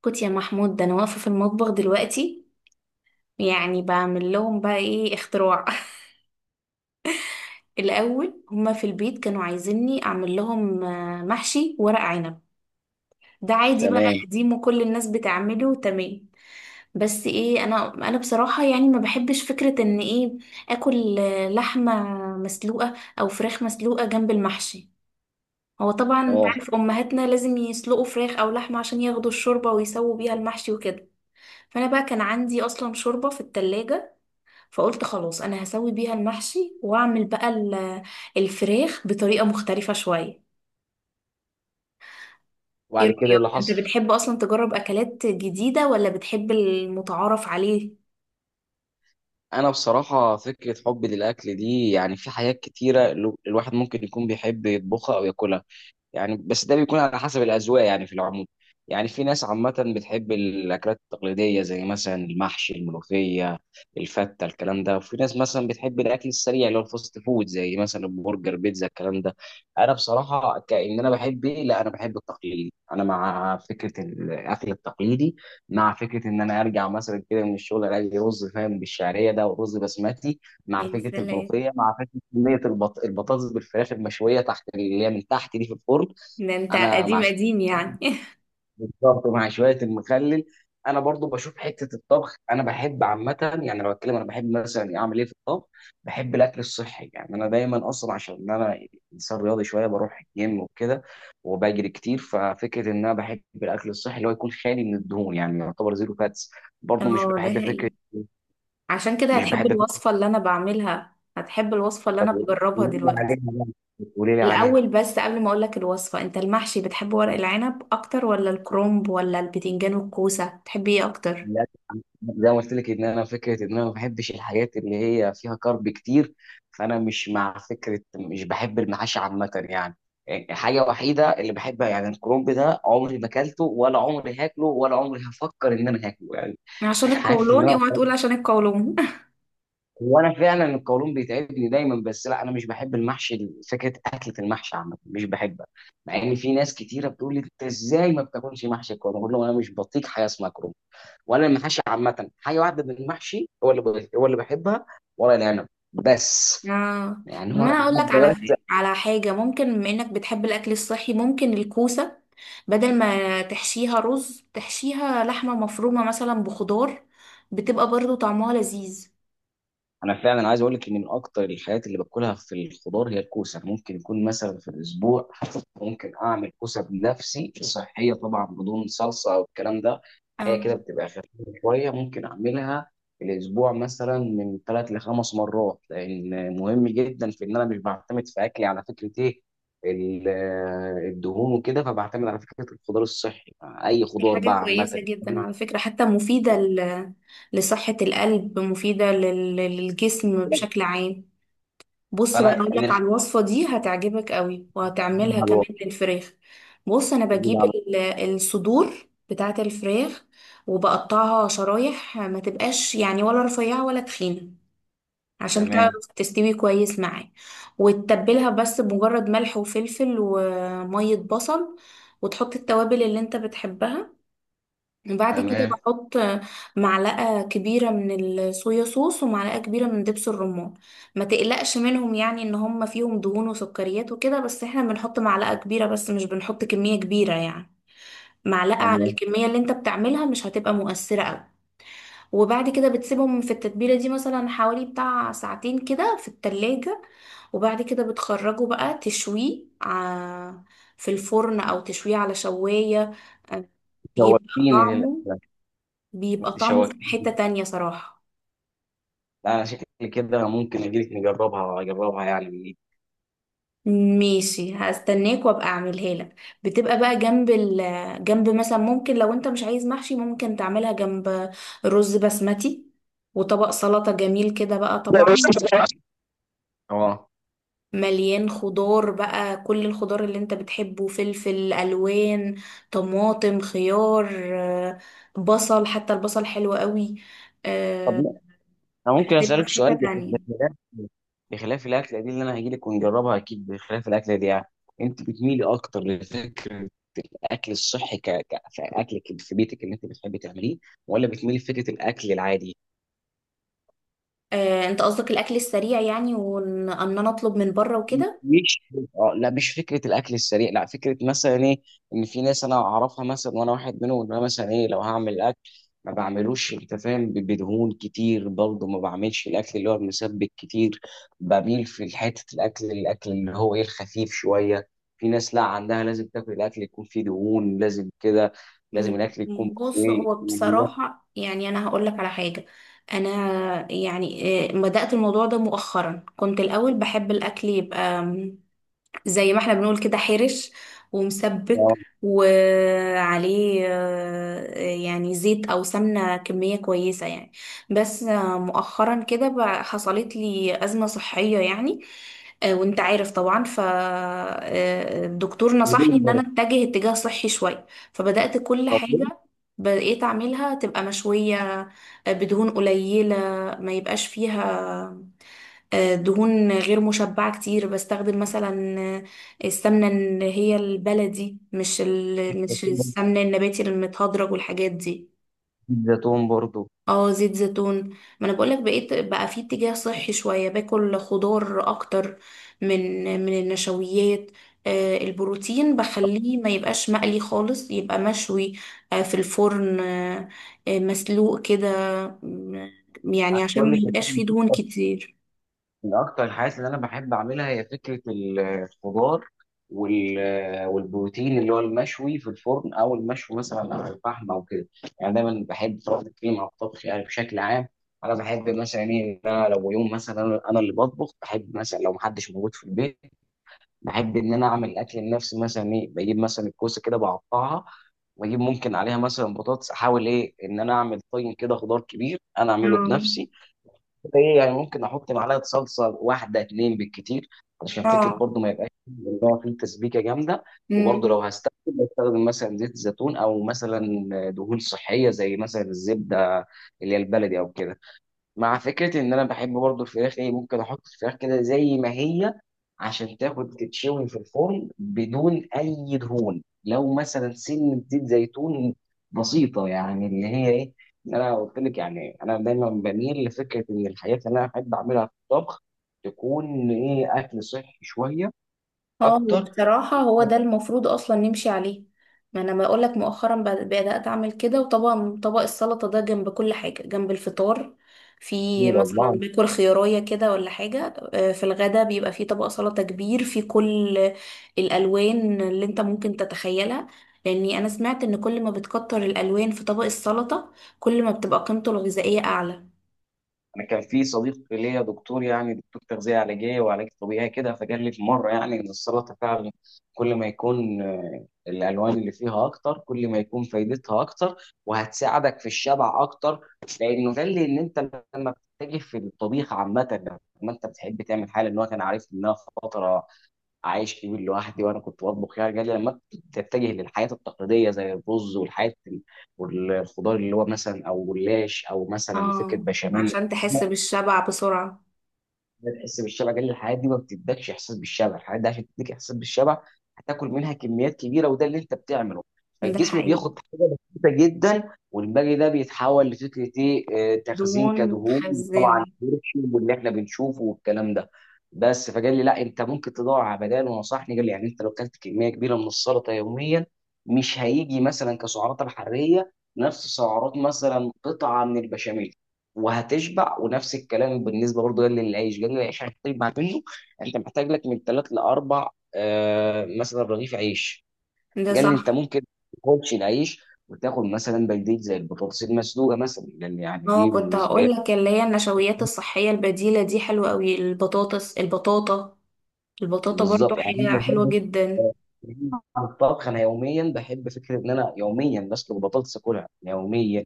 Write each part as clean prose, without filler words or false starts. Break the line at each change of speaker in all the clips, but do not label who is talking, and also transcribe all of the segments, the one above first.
كنت يا محمود، ده انا واقفه في المطبخ دلوقتي يعني بعمل لهم بقى ايه اختراع. الاول هما في البيت كانوا عايزيني اعمل لهم محشي ورق عنب. ده عادي بقى
تمام.
قديم وكل الناس بتعمله، تمام. بس ايه، انا بصراحه يعني ما بحبش فكره ان ايه اكل لحمه مسلوقه او فراخ مسلوقه جنب المحشي. هو طبعا انت
اه،
عارف امهاتنا لازم يسلقوا فراخ او لحمه عشان ياخدوا الشوربه ويسووا بيها المحشي وكده. فانا بقى كان عندي اصلا شوربه في التلاجة. فقلت خلاص انا هسوي بيها المحشي واعمل بقى الفراخ بطريقة مختلفة شوية. ايه
وبعد كده إيه اللي
رأيك، انت
حصل؟
بتحب اصلا تجرب اكلات جديدة ولا بتحب المتعارف عليه؟
انا بصراحه فكره حبي للاكل دي، يعني في حاجات كتيره الواحد ممكن يكون بيحب يطبخها او ياكلها، يعني بس ده بيكون على حسب الأذواق. يعني في العموم، يعني في ناس عامة بتحب الأكلات التقليدية زي مثلا المحشي، الملوخية، الفتة، الكلام ده. وفي ناس مثلا بتحب الأكل السريع اللي هو الفاست فود زي مثلا برجر، بيتزا، الكلام ده. أنا بصراحة كأن أنا بحب إيه، لا أنا بحب التقليدي. أنا مع فكرة الأكل التقليدي، مع فكرة إن أنا أرجع مثلا كده من الشغل ألاقي رز فاهم بالشعرية ده ورز بسمتي، مع
يعني
فكرة
سلام.
الملوخية، مع صينيه البطاطس بالفراخ المشويه تحت اللي هي من تحت دي في الفرن.
ده انت
انا مع
قديم قديم يعني.
بالظبط مع شويه المخلل. انا برضو بشوف حته الطبخ انا بحب عامه. يعني لو اتكلم انا بحب مثلا اعمل ايه في الطبخ، بحب الاكل الصحي. يعني انا دايما اصلا عشان انا انسان رياضي شويه، بروح الجيم وكده وبجري كتير. ففكره ان انا بحب الاكل الصحي اللي هو يكون خالي من الدهون، يعني يعتبر زيرو فاتس. برضو مش
اه، ده
بحب
حقيقي.
فكره،
عشان كده
مش
هتحب
بحب فكره.
الوصفة اللي انا بعملها، هتحب الوصفة اللي
طب
انا
قولي
بجربها
لي
دلوقتي.
عليها بقى، قولي لي عليها.
الاول بس قبل ما اقولك الوصفة، انت المحشي بتحب ورق العنب اكتر ولا الكرنب ولا البتنجان والكوسة؟ بتحب ايه اكتر؟
زي ما قلت لك ان انا فكره ان انا ما بحبش الحاجات اللي هي فيها كارب كتير، فانا مش مع فكره، مش بحب المحاشي عامه يعني. حاجه وحيده اللي بحبها، يعني الكرنب ده عمري ما اكلته ولا عمري هاكله ولا عمري هفكر ان انا هاكله يعني.
عشان
عارف ان
القولون،
انا
اوعى تقول عشان القولون.
وانا فعلا القولون بيتعبني دايما، بس لا انا مش بحب المحشي، فكره اكله المحشي عامه مش بحبها. مع ان في ناس كتيره بتقول لي انت ازاي ما بتاكلش محشي الكرنب، بقول لهم انا مش بطيق حاجه اسمها كرنب. وانا المحاشي عامه، حاجه واحده من المحشي هو اللي هو اللي بحبها، ورق العنب بس.
اه،
يعني
طب ما
ورق
انا اقول لك على
العنب.
على حاجه ممكن، بما انك بتحب الاكل الصحي، ممكن الكوسه بدل ما تحشيها رز تحشيها لحمه مفرومه مثلا بخضار. بتبقى برضو طعمها لذيذ.
انا فعلا عايز اقول لك ان من اكتر الحاجات اللي باكلها في الخضار هي الكوسه. ممكن يكون مثلا في الاسبوع، ممكن اعمل كوسه بنفسي صحيه طبعا بدون صلصه او الكلام ده، حاجه
اه،
كده بتبقى خفيفه شويه ممكن اعملها في الاسبوع مثلا من 3 ل5 مرات. لان مهم جدا في ان انا مش بعتمد في اكلي على فكره ايه ال- الدهون وكده، فبعتمد على فكره الخضار الصحي، اي
دي
خضار
حاجه
بقى
كويسه
عامه.
جدا على فكره، حتى مفيده لصحه القلب، مفيده للجسم بشكل عام. بص بقى
فانا
اقول
من
لك على
الحاجات
الوصفه، دي هتعجبك قوي
دي
وهتعملها
على
كمان
الوقت.
للفراخ. بص، انا بجيب الصدور بتاعه الفراخ وبقطعها شرايح، ما تبقاش يعني ولا رفيعه ولا تخينه، عشان تعرف
تمام.
تستوي كويس معايا. وتتبلها بس بمجرد ملح وفلفل وميه بصل، وتحط التوابل اللي انت بتحبها. بعد كده
تمام.
بحط معلقة كبيرة من الصويا صوص ومعلقة كبيرة من دبس الرمان. ما تقلقش منهم يعني ان هم فيهم دهون وسكريات وكده، بس احنا بنحط معلقة كبيرة بس، مش بنحط كمية كبيرة يعني. معلقة على
تمام،
الكمية اللي انت بتعملها مش هتبقى مؤثرة قوي. وبعد كده بتسيبهم في التتبيلة دي مثلا حوالي بتاع ساعتين كده في التلاجة. وبعد كده بتخرجه بقى تشويه في الفرن او تشويه على شواية. آه، بيبقى
شوقتيني
طعمه
للأكلة.
بيبقى
أنت
طعمه في
شوقتيني.
حتة تانية صراحة.
لا، أنا شكلي كده ممكن أجيلك نجربها، أجربها يعني من إيدك.
ماشي، هستناك وابقى اعملها لك. بتبقى بقى جنب، مثلا ممكن لو انت مش عايز محشي ممكن تعملها جنب رز بسمتي وطبق سلطة جميل كده بقى طبعا،
أه،
مليان خضار بقى، كل الخضار اللي انت بتحبه، فلفل الوان، طماطم، خيار، آه، بصل، حتى البصل حلو قوي.
طب
آه،
أنا ممكن
هتبقى
أسألك
في
سؤال
حتة تانية.
بخلاف، بخلاف الأكلة دي اللي أنا هجيلك ونجربها أكيد، بخلاف الأكلة دي يعني، أنت بتميلي أكتر لفكرة الأكل الصحي كأكل في بيتك اللي أنت بتحبي تعمليه، ولا بتميلي لفكرة الأكل العادي؟
انت قصدك الاكل السريع يعني، وان انا اطلب من بره وكده؟
مش، اه لا مش فكره الاكل السريع، لا فكره مثلا ايه، ان في ناس انا اعرفها مثلا وانا واحد منهم، ان انا مثلا ايه لو هعمل اكل ما بعملوش انت فاهم بدهون كتير، برضه ما بعملش الاكل اللي هو المسبك كتير. بميل في حته الاكل اللي هو ايه الخفيف شويه. في ناس لا عندها لازم تاكل الاكل يكون فيه دهون، لازم كده. لازم
مم.
الاكل
مم.
يكون
بص،
ايه،
هو بصراحة يعني أنا هقولك على حاجة. أنا يعني بدأت الموضوع ده مؤخرا، كنت الأول بحب الأكل يبقى زي ما احنا بنقول كده، حرش ومسبك، وعليه يعني زيت او سمنة كمية كويسة يعني. بس مؤخرا كده حصلت لي أزمة صحية يعني. وانت عارف طبعا فالدكتور نصحني
زيتون
ان انا
برضه.
اتجه اتجاه صحي شوية. فبدأت كل حاجة بقيت اعملها تبقى مشوية، بدهون قليلة ما يبقاش فيها دهون غير مشبعة كتير، بستخدم مثلا السمنة اللي هي البلدي، مش السمنة النباتي المتهدرج والحاجات دي.
زيتون برضه.
اه، زيت زيتون. ما انا بقولك بقيت بقى في اتجاه صحي شوية، باكل خضار اكتر من النشويات. البروتين بخليه ما يبقاش مقلي خالص، يبقى مشوي في الفرن، مسلوق كده. يعني عشان
بقول
ما
لك،
يبقاش فيه دهون كتير.
من أكتر الحاجات اللي أنا بحب أعملها هي فكرة الخضار والبروتين اللي هو المشوي في الفرن، أو المشوي مثلا على الفحم أو كده. يعني دايما بحب طبخ الكريم أو الطبخ يعني بشكل عام. أنا بحب مثلا إيه إن أنا لو يوم مثلا، أنا اللي بطبخ، بحب مثلا لو محدش موجود في البيت بحب إن أنا أعمل الأكل لنفسي. مثلا إيه، بجيب مثلا الكوسة كده بقطعها، وأجيب ممكن عليها مثلا بطاطس، أحاول إيه إن أنا أعمل طين كده خضار كبير أنا أعمله
اه.
بنفسي. ايه يعني ممكن احط معلقه صلصه، واحده اتنين بالكتير، علشان فكره
اه.
برضو ما يبقاش ان هو فيه تسبيكه جامده. وبرضو لو
امم
هستخدم، بستخدم مثلا زيت زيتون، او مثلا دهون صحيه زي مثلا الزبده اللي هي البلدي او كده. مع فكرة إن أنا بحب برضو الفراخ إيه، ممكن أحط الفراخ كده زي ما هي عشان تاخد تتشوي في الفرن بدون أي دهون، لو مثلا سنة زيت زيتون بسيطة. يعني اللي هي إيه، إن أنا قلت لك يعني أنا دايما بميل لفكرة إن الحاجات اللي أنا أحب أعملها في الطبخ تكون إيه، أكل صحي شوية
اه،
أكتر.
بصراحة هو ده المفروض اصلا نمشي عليه. ما انا بقول لك مؤخرا بدأت اعمل كده. وطبعا طبق السلطة ده جنب كل حاجة جنب الفطار، في مثلا
الله.
باكل خيارية كده ولا حاجة. في الغدا بيبقى في طبق سلطة كبير في كل الالوان اللي انت ممكن تتخيلها. لاني انا سمعت ان كل ما بتكتر الالوان في طبق السلطة، كل ما بتبقى قيمته الغذائية اعلى.
انا كان في صديق ليا دكتور، يعني دكتور تغذيه علاجيه وعلاج طبيعي كده، فقال لي في مره يعني ان السلطه فعلا كل ما يكون الالوان اللي فيها اكتر كل ما يكون فايدتها اكتر، وهتساعدك في الشبع اكتر. لانه قال لي ان انت لما بتتجه في الطبيخ عامه، لما انت بتحب تعمل حاجه، ان هو كان عارف ان انا فتره عايش كبير لوحدي وانا كنت بطبخ. يعني قال لي لما تتجه للحياه التقليديه زي الرز والحياه والخضار اللي هو مثلا او جلاش او مثلا فكره
اه،
بشاميل
عشان تحس بالشبع بسرعة.
بتحس بالشبع، قال لي الحاجات دي ما بتدكش احساس بالشبع، الحاجات دي عشان تديك احساس بالشبع هتاكل منها كميات كبيره وده اللي انت بتعمله.
ده
فالجسم
حقيقي.
بياخد حاجه بسيطه جدا، والباقي ده بيتحول لفكره ايه، تخزين
دهون
كدهون. وطبعا
متخزنة.
كالسيوم واللي احنا بنشوفه والكلام ده. بس فقال لي لا، انت ممكن تدور على بدائل، ونصحني قال لي يعني انت لو اكلت كميه كبيره من السلطه يوميا، مش هيجي مثلا كسعرات الحراريه نفس سعرات مثلا قطعه من البشاميل، وهتشبع. ونفس الكلام بالنسبه برضه جنجل العيش، جنجل العيش عشان تشبع منه انت محتاج لك من 3 ل4 مثلا رغيف عيش.
ده
قال لي انت
صح.
ممكن ما تاكلش العيش وتاخد مثلا بلديه زي البطاطس المسلوقه مثلا لان يعني
اه،
دي
كنت
بالنسبه لي
هقول لك، اللي هي النشويات الصحية البديلة دي حلوة قوي. البطاطس، البطاطا، البطاطا برضو
بالظبط. يعني انا
حاجة حلوة جدا.
آه، عن الطبخ انا يوميا بحب فكره ان انا يوميا بسلق بطاطس اكلها يوميا.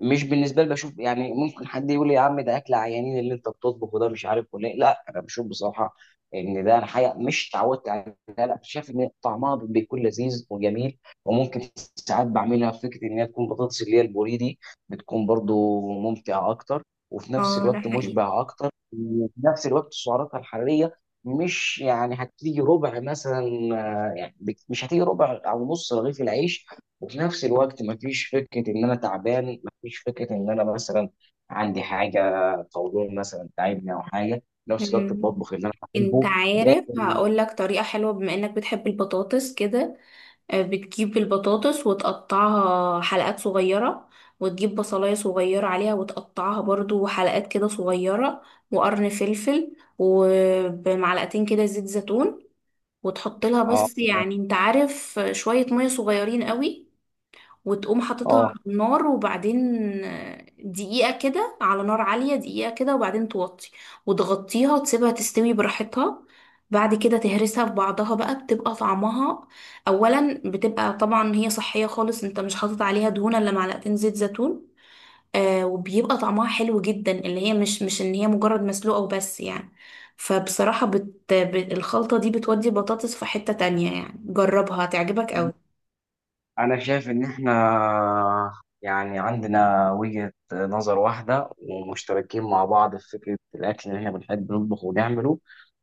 مش بالنسبه لي بشوف، يعني ممكن حد يقول لي يا عم ده اكل عيانين اللي انت بتطبخه ده مش عارف ولا إيه. لا انا بشوف بصراحه ان ده، انا حاجه مش اتعودت عليها، لا شايف ان طعمها بيكون لذيذ وجميل. وممكن ساعات بعملها في فكره ان هي تكون بطاطس اللي هي البوري دي، بتكون برضو ممتعه اكتر، وفي نفس
اه، ده
الوقت
حقيقي.
مشبع اكتر، وفي نفس الوقت سعراتها الحراريه مش، يعني هتيجي ربع مثلا، يعني مش هتيجي ربع او نص رغيف العيش. وفي نفس الوقت مفيش فكرة إن أنا تعبان، مفيش فكرة إن أنا مثلا عندي حاجة طويلة مثلا تعبني أو حاجة. في نفس الوقت
مم.
بطبخ اللي أنا
انت
بحبه
عارف،
لكن
هقول لك طريقة حلوة بما انك بتحب البطاطس كده. بتجيب البطاطس وتقطعها حلقات صغيرة، وتجيب بصلاية صغيرة عليها وتقطعها برضو حلقات كده صغيرة، وقرن فلفل ومعلقتين كده زيت زيتون. وتحط لها
آه
بس
تمام.
يعني انت عارف شوية مية صغيرين قوي. وتقوم حاططها على
آه،
النار، وبعدين دقيقة كده على نار عالية، دقيقة كده وبعدين توطي وتغطيها وتسيبها تستوي براحتها. بعد كده تهرسها في بعضها بقى، بتبقى طعمها. أولا بتبقى طبعا هي صحية خالص، انت مش حاطط عليها دهون إلا معلقتين زيت زيتون. وبيبقى طعمها حلو جدا، اللي هي مش ان هي مجرد مسلوقة وبس يعني. فبصراحة الخلطة دي بتودي البطاطس في حتة تانية يعني، جربها هتعجبك قوي.
أنا شايف إن إحنا يعني عندنا وجهة نظر واحدة ومشتركين مع بعض في فكرة الأكل اللي إحنا بنحب نطبخه ونعمله.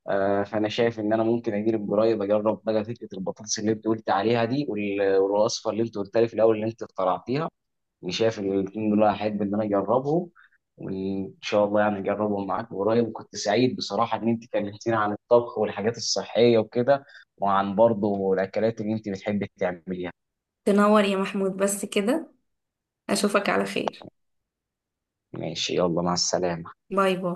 فأنا شايف إن أنا ممكن أجيب قريب أجرب بقى فكرة البطاطس اللي أنت قلت عليها دي والوصفة اللي أنت قلت لي في الأول اللي أنت اخترعتيها. يعني شايف ان الاثنين دول هحب ان انا اجربهم، وان شاء الله يعني اجربهم معاك قريب. وكنت سعيد بصراحه ان انت كلمتيني عن الطبخ والحاجات الصحيه وكده، وعن برضه الاكلات اللي انت بتحبي تعمليها.
تنور يا محمود بس كده. اشوفك على خير.
ماشي، يلا مع السلامه.
باي باي.